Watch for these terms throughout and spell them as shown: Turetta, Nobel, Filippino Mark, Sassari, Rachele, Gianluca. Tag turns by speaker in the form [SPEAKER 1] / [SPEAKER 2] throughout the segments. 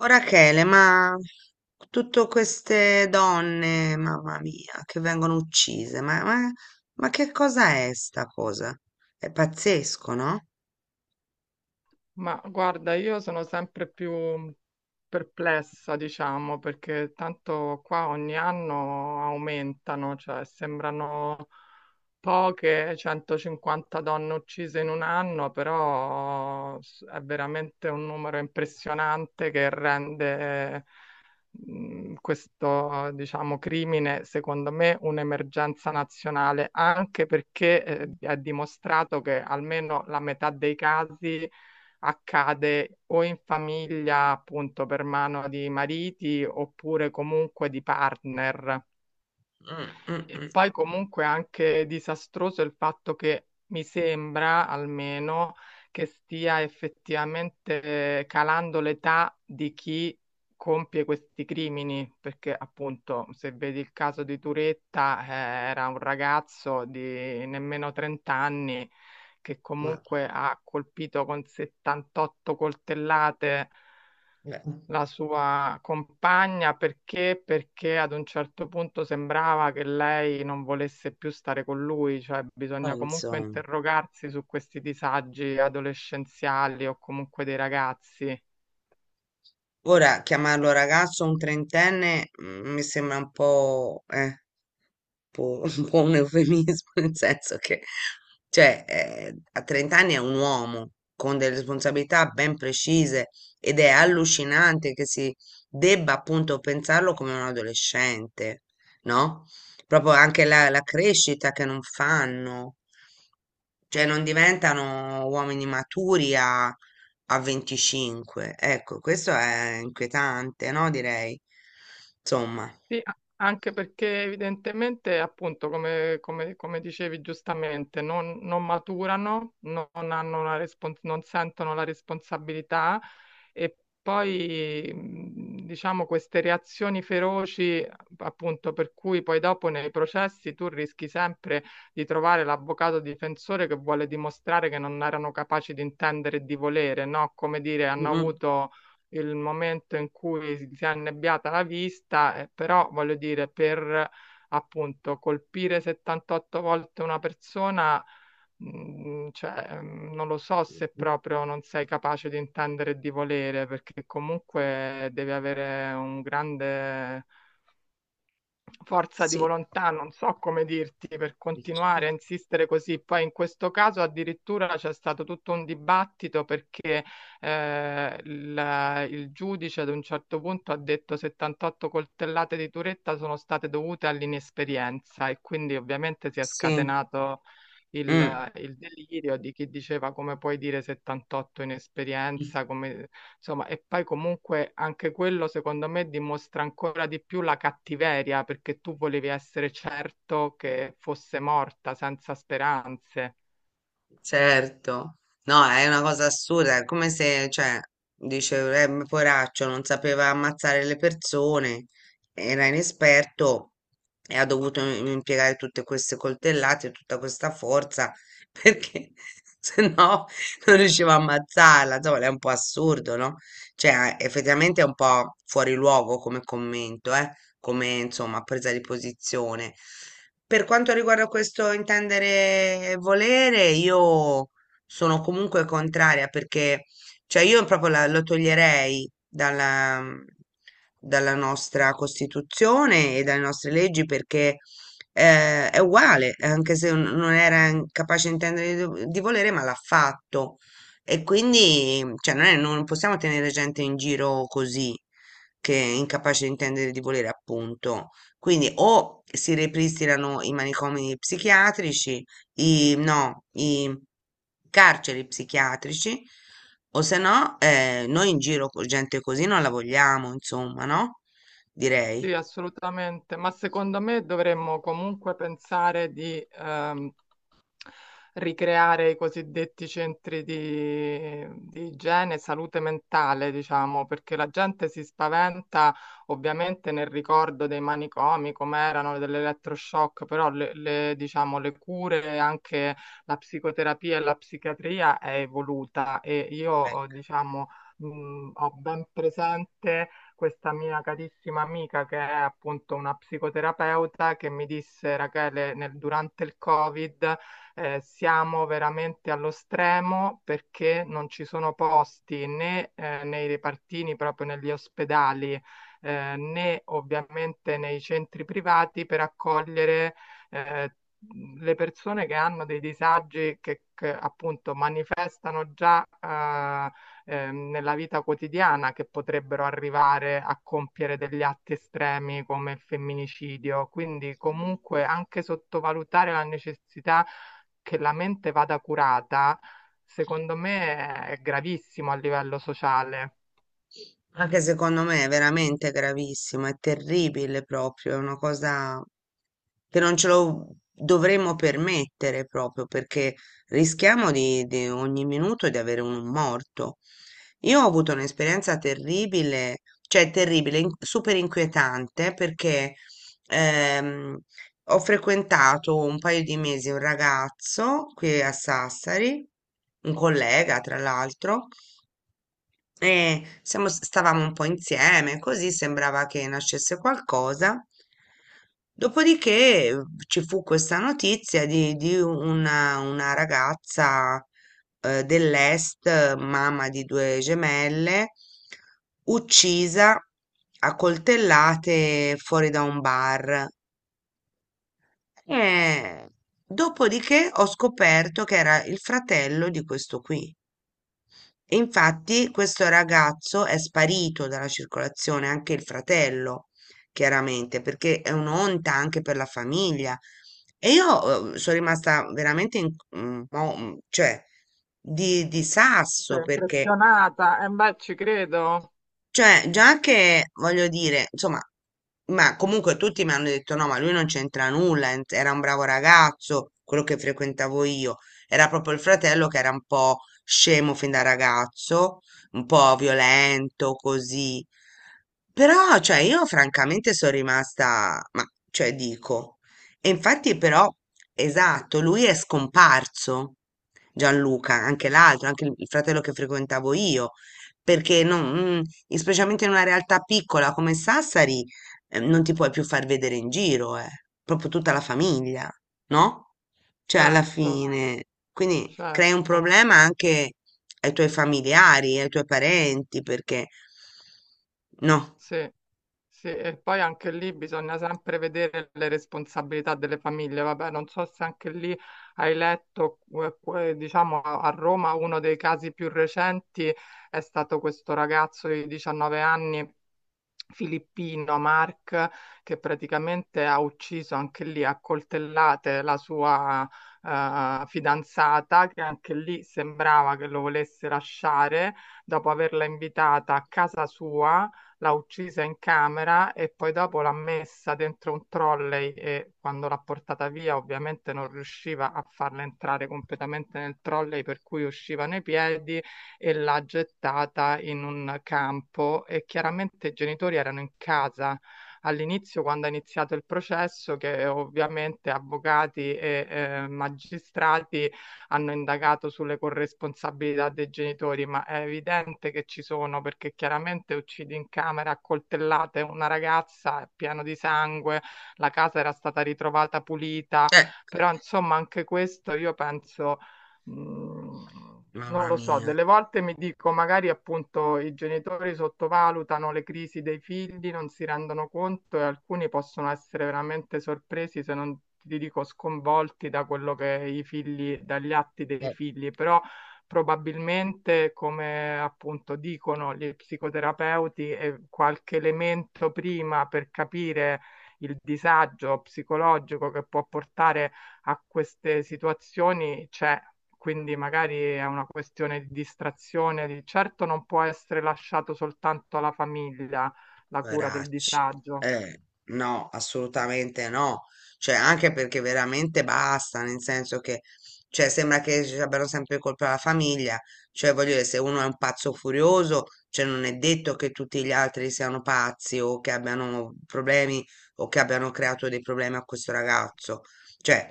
[SPEAKER 1] Oh, Rachele, ma tutte queste donne, mamma mia, che vengono uccise, ma che cosa è sta cosa? È pazzesco, no?
[SPEAKER 2] Ma guarda, io sono sempre più perplessa, diciamo, perché tanto qua ogni anno aumentano, cioè sembrano poche, 150 donne uccise in un anno, però è veramente un numero impressionante che rende questo, diciamo, crimine, secondo me, un'emergenza nazionale, anche perché è dimostrato che almeno la metà dei casi accade o in famiglia, appunto, per mano di mariti oppure comunque di partner.
[SPEAKER 1] Mm, mm,
[SPEAKER 2] E
[SPEAKER 1] mm.
[SPEAKER 2] poi comunque anche disastroso il fatto che mi sembra almeno che stia effettivamente calando l'età di chi compie questi crimini, perché appunto se vedi il caso di Turetta, era un ragazzo di nemmeno 30 anni che
[SPEAKER 1] Ma-
[SPEAKER 2] comunque ha colpito con 78 coltellate
[SPEAKER 1] beh,
[SPEAKER 2] la sua compagna perché? Perché ad un certo punto sembrava che lei non volesse più stare con lui, cioè
[SPEAKER 1] ma
[SPEAKER 2] bisogna comunque
[SPEAKER 1] insomma,
[SPEAKER 2] interrogarsi su questi disagi adolescenziali o comunque dei ragazzi.
[SPEAKER 1] ora chiamarlo ragazzo un trentenne mi sembra un po', po' un po' un eufemismo, nel senso che, cioè, a 30 anni è un uomo con delle responsabilità ben precise ed è allucinante che si debba appunto pensarlo come un adolescente, no? Proprio anche la crescita che non fanno, cioè non diventano uomini maturi a 25. Ecco, questo è inquietante, no? Direi. Insomma.
[SPEAKER 2] Sì, anche perché evidentemente, appunto, come dicevi giustamente, non maturano, non sentono la responsabilità e poi, diciamo, queste reazioni feroci, appunto, per cui poi dopo nei processi tu rischi sempre di trovare l'avvocato difensore che vuole dimostrare che non erano capaci di intendere e di volere, no? Come dire, hanno
[SPEAKER 1] Mm,
[SPEAKER 2] avuto il momento in cui si è annebbiata la vista, però voglio dire, per appunto colpire 78 volte una persona, cioè, non lo so se
[SPEAKER 1] mm.
[SPEAKER 2] proprio non sei capace di intendere e di volere, perché comunque devi avere un grande forza di
[SPEAKER 1] Sì.
[SPEAKER 2] volontà, non so come dirti, per continuare a insistere così. Poi in questo caso addirittura c'è stato tutto un dibattito perché il giudice ad un certo punto ha detto 78 coltellate di Turetta sono state dovute all'inesperienza e quindi ovviamente si è
[SPEAKER 1] Sì,
[SPEAKER 2] scatenato il,
[SPEAKER 1] mm,
[SPEAKER 2] il delirio di chi diceva come puoi dire 78 inesperienza, come, insomma, e poi comunque anche quello secondo me dimostra ancora di più la cattiveria, perché tu volevi essere certo che fosse morta senza speranze.
[SPEAKER 1] certo. No, è una cosa assurda, è come se, cioè, dice, ma poraccio, non sapeva ammazzare le persone, era inesperto e ha dovuto impiegare tutte queste coltellate, tutta questa forza, perché se no non riusciva a ammazzarla. Insomma, è un po' assurdo, no? Cioè, effettivamente è un po' fuori luogo come commento, come insomma presa di posizione. Per quanto riguarda questo intendere e volere, io sono comunque contraria perché cioè io proprio lo toglierei dalla, dalla nostra Costituzione e dalle nostre leggi perché è uguale, anche se non era capace di intendere di di volere, ma l'ha fatto. E quindi, cioè, non possiamo tenere gente in giro così. Che è incapace di intendere e di volere, appunto. Quindi o si ripristinano i manicomi psichiatrici, i carceri psichiatrici, o se no, noi in giro con gente così non la vogliamo, insomma, no?
[SPEAKER 2] Sì,
[SPEAKER 1] Direi.
[SPEAKER 2] assolutamente, ma secondo me dovremmo comunque pensare di ricreare i cosiddetti centri di igiene e salute mentale, diciamo, perché la gente si spaventa ovviamente nel ricordo dei manicomi, come erano dell'elettroshock, però diciamo, le cure, anche la psicoterapia e la psichiatria è evoluta e io, diciamo, ho ben presente questa mia carissima amica che è appunto una psicoterapeuta che mi disse, Rachele, durante il Covid siamo veramente allo stremo perché non ci sono posti né nei repartini, proprio negli ospedali, né ovviamente nei centri privati per accogliere eh, le persone che hanno dei disagi che appunto manifestano già nella vita quotidiana che potrebbero arrivare a compiere degli atti estremi come il femminicidio. Quindi comunque anche sottovalutare la necessità che la mente vada curata, secondo me è gravissimo a livello sociale.
[SPEAKER 1] Anche secondo me è veramente gravissimo, è terribile proprio, è una cosa che non ce lo dovremmo permettere proprio perché rischiamo di ogni minuto di avere un morto. Io ho avuto un'esperienza terribile, cioè terribile, super inquietante perché ehm, ho frequentato un paio di mesi un ragazzo qui a Sassari, un collega tra l'altro. E stavamo un po' insieme, così sembrava che nascesse qualcosa. Dopodiché ci fu questa notizia di una ragazza dell'est, mamma di due gemelle, uccisa a coltellate fuori da un bar. E dopodiché ho scoperto che era il fratello di questo qui. E infatti questo ragazzo è sparito dalla circolazione, anche il fratello, chiaramente, perché è un'onta anche per la famiglia. E io sono rimasta veramente in, cioè, di sasso
[SPEAKER 2] Sei
[SPEAKER 1] perché
[SPEAKER 2] impressionata? E beh, ci credo.
[SPEAKER 1] cioè, già che voglio dire, insomma, ma comunque tutti mi hanno detto no, ma lui non c'entra nulla, era un bravo ragazzo, quello che frequentavo io, era proprio il fratello che era un po' scemo fin da ragazzo, un po' violento, così. Però, cioè, io francamente sono rimasta, ma, cioè, dico, e infatti però, esatto, lui è scomparso, Gianluca, anche l'altro, anche il fratello che frequentavo io perché specialmente in una realtà piccola come Sassari, non ti puoi più far vedere in giro, proprio tutta la famiglia, no? Cioè, alla
[SPEAKER 2] Certo,
[SPEAKER 1] fine, quindi crei un
[SPEAKER 2] certo.
[SPEAKER 1] problema anche ai tuoi familiari, ai tuoi parenti, perché no,
[SPEAKER 2] Sì, sì. E poi anche lì bisogna sempre vedere le responsabilità delle famiglie. Vabbè, non so se anche lì hai letto, diciamo, a Roma uno dei casi più recenti è stato questo ragazzo di 19 anni Filippino Mark che praticamente ha ucciso anche lì a coltellate la sua fidanzata, che anche lì sembrava che lo volesse lasciare, dopo averla invitata a casa sua, l'ha uccisa in camera e poi dopo l'ha messa dentro un trolley e quando l'ha portata via ovviamente non riusciva a farla entrare completamente nel trolley per cui uscivano i piedi e l'ha gettata in un campo e chiaramente i genitori erano in casa all'inizio quando è iniziato il processo che ovviamente avvocati e magistrati hanno indagato sulle corresponsabilità dei genitori, ma è evidente che ci sono perché chiaramente uccidi in camera a coltellate una ragazza pieno di sangue, la casa era stata ritrovata pulita,
[SPEAKER 1] eh,
[SPEAKER 2] però insomma anche questo io penso Mm, non
[SPEAKER 1] mamma
[SPEAKER 2] lo so,
[SPEAKER 1] mia.
[SPEAKER 2] delle volte mi dico, magari appunto i genitori sottovalutano le crisi dei figli, non si rendono conto e alcuni possono essere veramente sorpresi, se non ti dico sconvolti da quello che i figli, dagli atti dei figli, però probabilmente, come appunto dicono gli psicoterapeuti, qualche elemento prima per capire il disagio psicologico che può portare a queste situazioni c'è, quindi magari è una questione di distrazione, certo non può essere lasciato soltanto alla famiglia la cura del
[SPEAKER 1] Poveracci.
[SPEAKER 2] disagio,
[SPEAKER 1] Eh, no, assolutamente no. Cioè, anche perché veramente basta, nel senso che, cioè, sembra che ci abbiano sempre colpa la famiglia. Cioè, voglio dire, se uno è un pazzo furioso, cioè, non è detto che tutti gli altri siano pazzi o che abbiano problemi o che abbiano creato dei problemi a questo ragazzo. Cioè,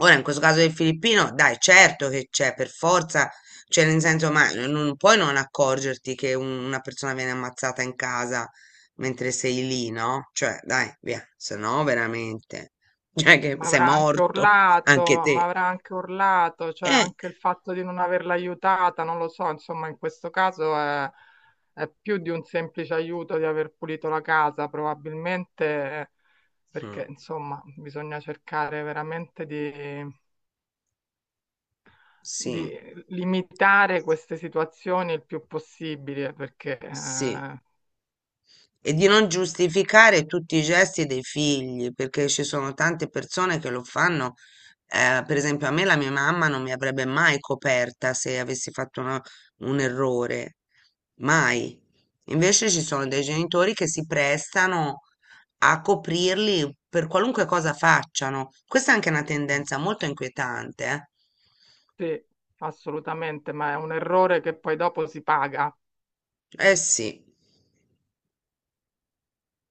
[SPEAKER 1] ora, in questo caso del filippino, dai, certo che c'è, per forza, cioè nel senso, ma non puoi non accorgerti che una persona viene ammazzata in casa mentre sei lì, no? Cioè, dai, via, se no veramente, cioè che
[SPEAKER 2] ma
[SPEAKER 1] sei
[SPEAKER 2] avrà anche
[SPEAKER 1] morto, anche
[SPEAKER 2] urlato, ma
[SPEAKER 1] te.
[SPEAKER 2] avrà anche urlato, cioè
[SPEAKER 1] Eh,
[SPEAKER 2] anche il fatto di non averla aiutata, non lo so, insomma, in questo caso è più di un semplice aiuto di aver pulito la casa, probabilmente eh, perché,
[SPEAKER 1] mm,
[SPEAKER 2] insomma, bisogna cercare veramente di
[SPEAKER 1] sì,
[SPEAKER 2] di limitare queste situazioni il più possibile, perché
[SPEAKER 1] sì. E di non giustificare tutti i gesti dei figli, perché ci sono tante persone che lo fanno. Per esempio, a me la mia mamma non mi avrebbe mai coperta se avessi fatto un errore, mai. Invece ci sono dei genitori che si prestano a coprirli per qualunque cosa facciano. Questa è anche una tendenza molto inquietante,
[SPEAKER 2] sì, assolutamente, ma è un errore che poi dopo si paga.
[SPEAKER 1] eh? Eh sì.